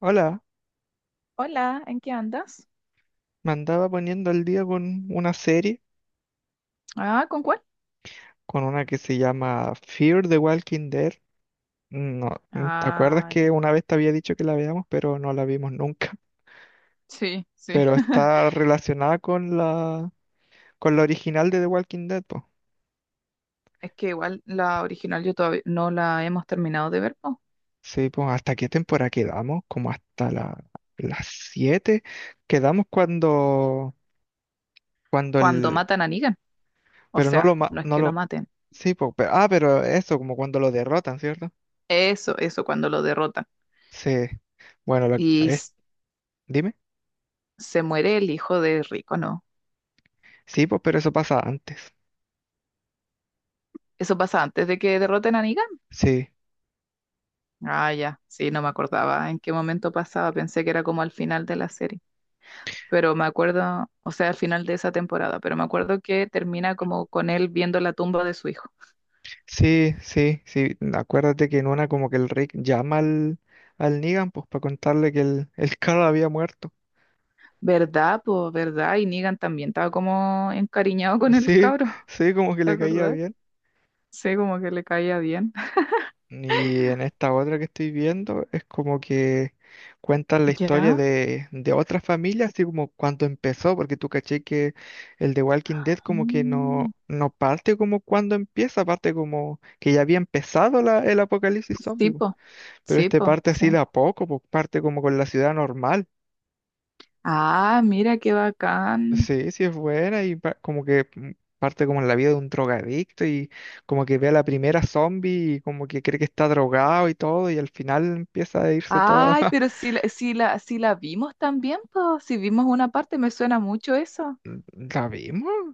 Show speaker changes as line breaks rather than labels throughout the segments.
Hola,
Hola, ¿en qué andas?
me andaba poniendo al día con una serie,
Ah, ¿con cuál?
con una que se llama Fear the Walking Dead. No, mm, ¿te acuerdas
Ay,
que una vez te había dicho que la veamos, pero no la vimos nunca?
sí, sí.
Pero está relacionada con la original de The Walking Dead, pues.
Es que igual la original yo todavía no la hemos terminado de ver, po.
Sí, pues, ¿hasta qué temporada quedamos? Las 7. Quedamos cuando, cuando
Cuando
el,
matan a Negan. O
pero no lo,
sea, no es
no
que lo
lo,
maten.
sí, pues, pero- ah, pero eso, como cuando lo derrotan, ¿cierto?
Eso, cuando lo derrotan.
Sí. Bueno,
Y s-
dime.
Se muere el hijo de Rico, ¿no?
Sí, pues, pero eso pasa antes.
Eso pasa antes de que derroten a Negan.
Sí,
Ah, ya, sí, no me acordaba en qué momento pasaba. Pensé que era como al final de la serie. Pero me acuerdo, o sea, al final de esa temporada, pero me acuerdo que termina como con él viendo la tumba de su hijo.
sí, sí, sí. Acuérdate que en una como que el Rick llama al Negan, pues, para contarle que el Carl había muerto.
¿Verdad, pues, verdad? Y Negan también estaba como encariñado con el
Sí,
cabro.
sí, como que
¿Te
le caía
acordás?
bien.
Sí, como que le caía bien.
Y en esta otra que estoy viendo es como que cuentan la historia
¿Ya?
de otra familia, así como cuando empezó, porque tú caché que el de Walking Dead como que
Mm,
no, no parte como cuando empieza, parte como que ya había empezado el apocalipsis
sí,
zombie pues.
po,
Pero
sí,
este
po,
parte así de
sí.
a poco, pues parte como con la ciudad normal.
Ah, mira qué bacán.
Sí, sí es buena y parte como en la vida de un drogadicto y como que ve a la primera zombie y como que cree que está drogado y todo y al final empieza a irse todo.
Ay, pero si la, si la, si la vimos también, pues, si vimos una parte, me suena mucho eso.
¿La vimos?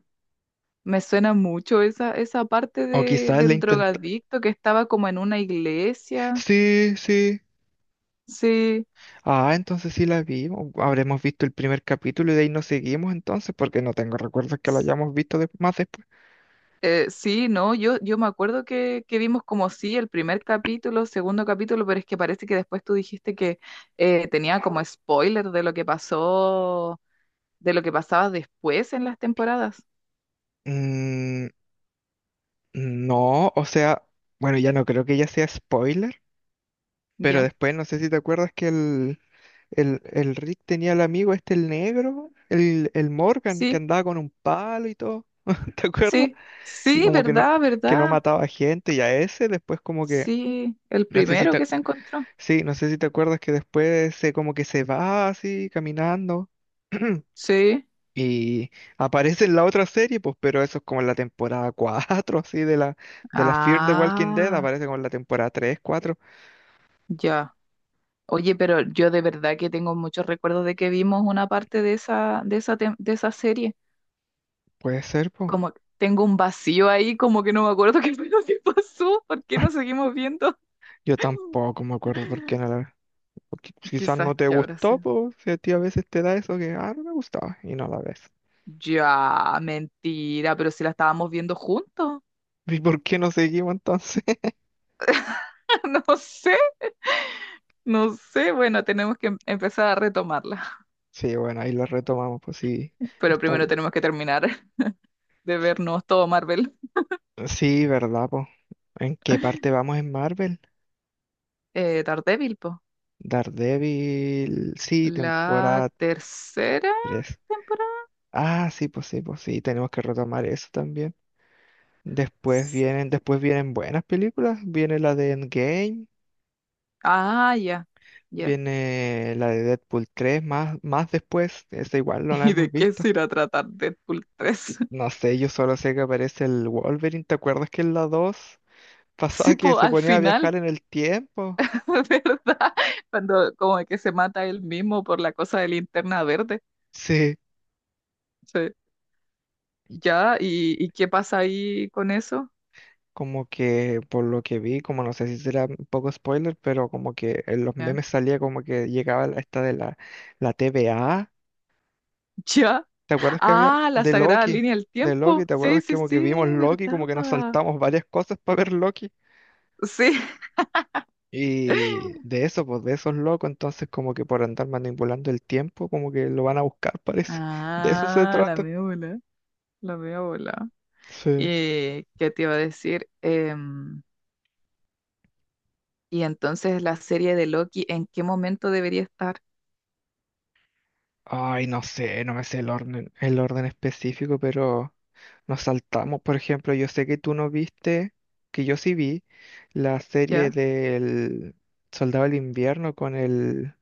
Me suena mucho esa, esa parte
O
de,
quizás la
del
intentó.
drogadicto que estaba como en una iglesia.
Sí, sí.
Sí.
Ah, entonces sí la vimos. Habremos visto el primer capítulo y de ahí nos seguimos entonces porque no tengo recuerdos que la hayamos visto más después.
Sí, no, yo me acuerdo que vimos como sí el primer capítulo, segundo capítulo, pero es que parece que después tú dijiste que tenía como spoiler de lo que pasó, de lo que pasaba después en las temporadas.
Mm, no, o sea, bueno, ya no creo que ya sea spoiler. Pero
Ya.
después, no sé si te acuerdas que el, el Rick tenía al amigo este, el negro, el Morgan, que
Sí,
andaba con un palo y todo. ¿Te acuerdas?
sí,
Y
sí,
como
verdad,
que no
verdad.
mataba gente y a ese después como que,
Sí, el
no sé si
primero
te,
que se encontró.
sí, no sé si te acuerdas que después se como que se va así caminando
Sí.
y aparece en la otra serie, pues, pero eso es como en la temporada 4 así de la Fear the Walking Dead,
Ah,
aparece como en la temporada 3 cuatro.
ya. Oye, pero yo de verdad que tengo muchos recuerdos de que vimos una parte de esa, de esa, de esa serie.
Puede ser, pues.
Como que tengo un vacío ahí, como que no me acuerdo qué fue lo que pasó, ¿por qué nos seguimos viendo?
Yo tampoco me acuerdo por qué no la porque quizás
Quizás
no te
que habrá
gustó,
sido.
pues si a ti a veces te da eso que, ah, no me gustaba y no la ves.
Ya, mentira, pero si la estábamos viendo juntos.
¿Y por qué no seguimos entonces?
No sé, no sé. Bueno, tenemos que empezar a retomarla.
Sí, bueno, ahí lo retomamos, pues sí,
Pero
está
primero
bueno.
tenemos que terminar de vernos todo Marvel.
Sí, ¿verdad, pues? ¿En qué parte vamos en Marvel?
Daredevil, po.
Daredevil, sí,
La
temporada
tercera
tres.
temporada.
Ah, sí, pues sí, pues sí, tenemos que retomar eso también.
S-
Después vienen buenas películas, viene la de Endgame.
Ah, ya, ya.
Viene la de Deadpool tres, más, más después, esa igual no la
¿Y
hemos
de qué
visto.
se irá a tratar Deadpool tres?
No sé, yo solo sé que aparece el Wolverine. ¿Te acuerdas que en la 2 pasaba
Sí,
que
po,
se
al
ponía a
final.
viajar en el tiempo?
¿Verdad? Cuando como que se mata él mismo por la cosa de linterna verde.
Sí,
Sí.
y
Ya, ¿y qué pasa ahí con eso?
como que por lo que vi, como no sé si será un poco spoiler, pero como que en los
Ya.
memes salía como que llegaba la- esta de la, la TVA.
Ya.
¿Te acuerdas que había
Ah, la
de
sagrada
Loki?
línea del
De Loki,
tiempo.
¿te
Sí,
acuerdas que
sí,
como que vimos
sí,
Loki,
¿verdad?
como que nos saltamos varias cosas para ver Loki?
Sí.
Y de eso, pues de esos locos, entonces como que por andar manipulando el tiempo, como que lo van a buscar, parece. De eso se
Ah, la
trata.
media bola, la media bola.
Sí.
¿Y qué te iba a decir? Em, y entonces la serie de Loki, ¿en qué momento debería estar?
Ay, no sé, no me sé el orden específico, pero nos saltamos. Por ejemplo, yo sé que tú no viste, que yo sí vi la serie
¿Ya?
del Soldado del Invierno con el,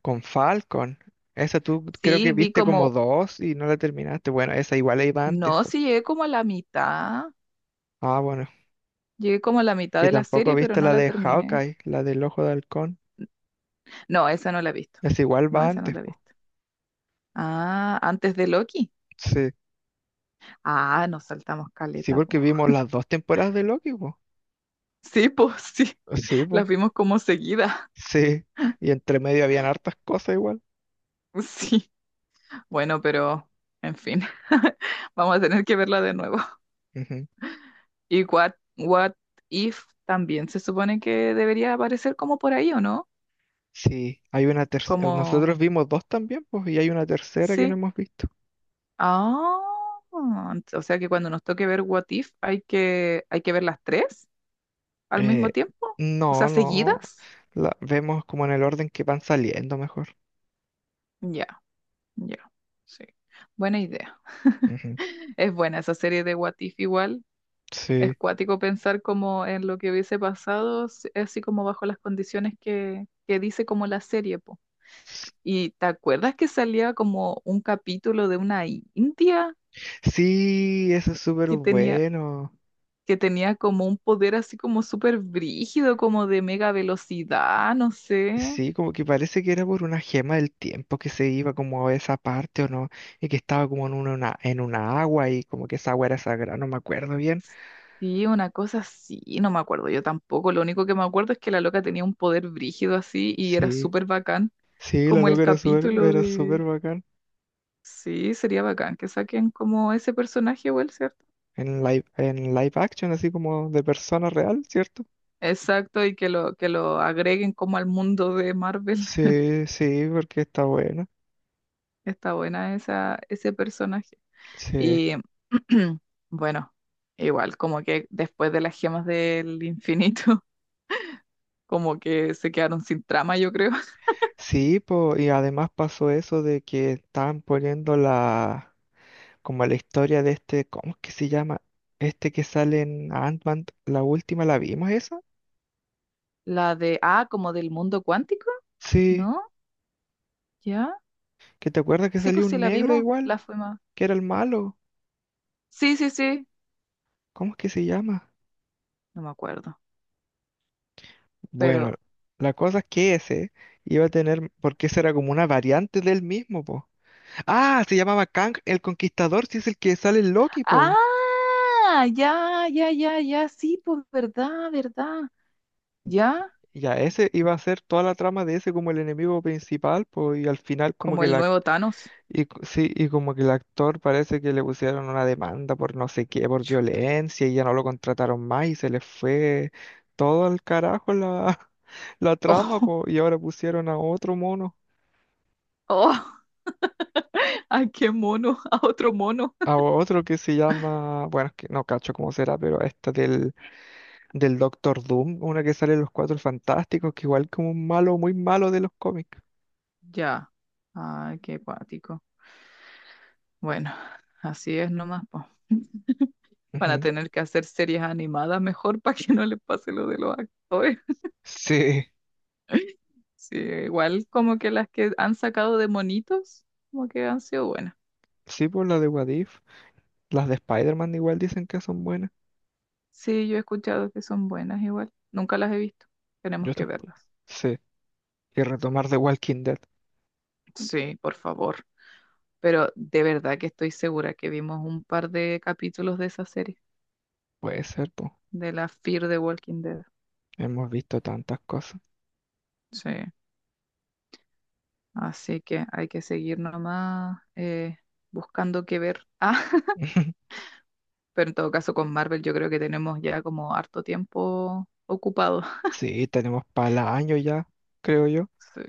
con Falcon. Esa tú creo que
Sí, vi
viste como
como,
dos y no la terminaste. Bueno, esa igual iba antes
no,
po.
sí llegué como a la mitad.
Ah, bueno,
Llegué como a la mitad
y
de la
tampoco
serie, pero
viste
no
la
la
de
terminé.
Hawkeye, la del Ojo de Halcón.
No, esa no la he visto.
Es igual
No,
va
esa no
antes,
la he
po.
visto. Ah, antes de Loki.
Sí.
Ah, nos saltamos
Sí,
caleta,
porque
po.
vimos las dos temporadas de Loki, po.
Sí, pues sí.
Sí,
Las
po.
vimos como seguida.
Sí. Y entre medio habían hartas cosas igual.
Sí. Bueno, pero en fin. Vamos a tener que verla de nuevo.
Ujú.
Y What, What If también se supone que debería aparecer como por ahí, ¿o no?
Sí, hay una tercera.
Como,
Nosotros vimos dos también, pues, y hay una tercera que no
sí.
hemos visto.
Ah, o sea que cuando nos toque ver What If hay que ver las tres. Al mismo
Eh,
tiempo, o
no,
sea,
no.
seguidas.
La vemos como en el orden que van saliendo mejor.
Ya, ya, sí. Buena idea.
Ujú.
Es buena esa serie de What If igual. Es
Sí.
cuático pensar como en lo que hubiese pasado, así como bajo las condiciones que dice como la serie, po. ¿Y te acuerdas que salía como un capítulo de una india
Sí, eso es súper
que tenía,
bueno.
que tenía como un poder así como súper brígido, como de mega velocidad, no sé?
Sí, como que parece que era por una gema del tiempo que se iba como a esa parte o no, y que estaba como en en una agua y como que esa agua era sagrada, no me acuerdo bien.
Sí, una cosa así, no me acuerdo yo tampoco. Lo único que me acuerdo es que la loca tenía un poder brígido así y era
Sí,
súper bacán,
sí, la
como el
loca
capítulo
era
de...
súper bacán.
Sí, sería bacán que saquen como ese personaje igual, ¿cierto?
En live action, así como de persona real, ¿cierto?
Exacto, y que lo agreguen como al mundo de Marvel.
Sí, sí, porque está buena.
Está buena esa, ese personaje.
Sí,
Y bueno, igual, como que después de las gemas del infinito, como que se quedaron sin trama, yo creo.
sí, po, y además pasó eso de que estaban poniendo como la historia de este, ¿cómo es que se llama? Este que sale en Ant-Man, la última, ¿la vimos esa?
La de, ah, como del mundo cuántico,
Sí,
¿no? ¿Ya?
que te acuerdas que
Sí,
salió
pues sí
un
la
negro
vimos,
igual,
la fuimos.
que era el malo.
Sí, sí, sí.
¿Cómo es que se llama?
No me acuerdo. Pero.
Bueno, la cosa es que ese iba a tener, porque ese era como una variante del mismo, po. Ah, se llamaba Kang el Conquistador, si es el que sale en Loki, po.
¡Ah! Ya, ya, ya, ya. Sí, pues verdad, verdad. Ya.
Ya, ese iba a ser toda la trama de ese como el enemigo principal, po, y al final como
Como
que
el
la,
nuevo Thanos.
y sí, y como que el actor parece que le pusieron una demanda por no sé qué, por
Chu.
violencia, y ya no lo contrataron más y se les fue todo al carajo la, la trama, po, y ahora pusieron a otro mono,
Oh, oh. Ay, qué mono. A otro mono.
a otro que se llama, bueno, es que no cacho cómo será, pero esta del, del Doctor Doom, una que sale en Los Cuatro Fantásticos, que igual como un malo, muy malo de los cómics.
Ya. Ay, qué cuático. Bueno, así es nomás, po. Van a
Ujú.
tener que hacer series animadas mejor para que no les pase lo de los actores.
Sí,
Sí, igual como que las que han sacado de monitos, como que han sido buenas.
sí, por la de What If, las de Spider-Man igual dicen que son buenas.
Sí, yo he escuchado que son buenas igual. Nunca las he visto. Tenemos
Yo
que
tampoco.
verlas.
Sí, y retomar The Walking Dead.
Sí, por favor. Pero de verdad que estoy segura que vimos un par de capítulos de esa serie,
Puede ser, pues.
de la Fear the Walking Dead.
Hemos visto tantas cosas.
Sí, así que hay que seguir nomás, buscando qué ver. Ah, pero en todo caso con Marvel yo creo que tenemos ya como harto tiempo ocupado.
Sí, tenemos para año ya, creo yo,
Sí,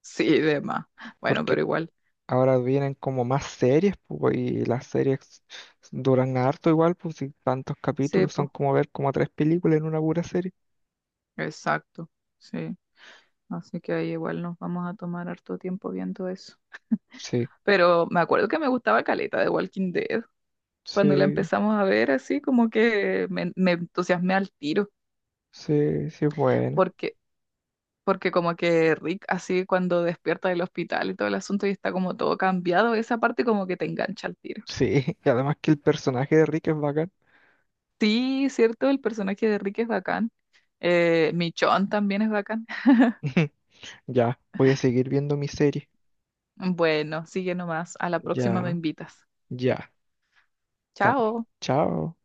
sí, de más. Bueno, pero
porque
igual.
ahora vienen como más series, pues, y las series duran harto igual, pues, y tantos
Sí,
capítulos son
pues,
como ver como tres películas en una pura serie.
exacto, sí. Así que ahí igual nos vamos a tomar harto tiempo viendo eso.
Sí,
Pero me acuerdo que me gustaba caleta de Walking Dead. Cuando la
sí,
empezamos a ver así, como que me entusiasmé al tiro,
sí, sí, es buena.
porque, porque como que Rick así cuando despierta del hospital y todo el asunto y está como todo cambiado, esa parte como que te engancha al tiro.
Sí, y además que el personaje de Rick es bacán.
Sí, cierto, el personaje de Rick es bacán. Michonne también es bacán.
Ya, voy a seguir viendo mi serie.
Bueno, sigue nomás. A la próxima me
Ya,
invitas.
ya, estamos.
Chao.
Chao.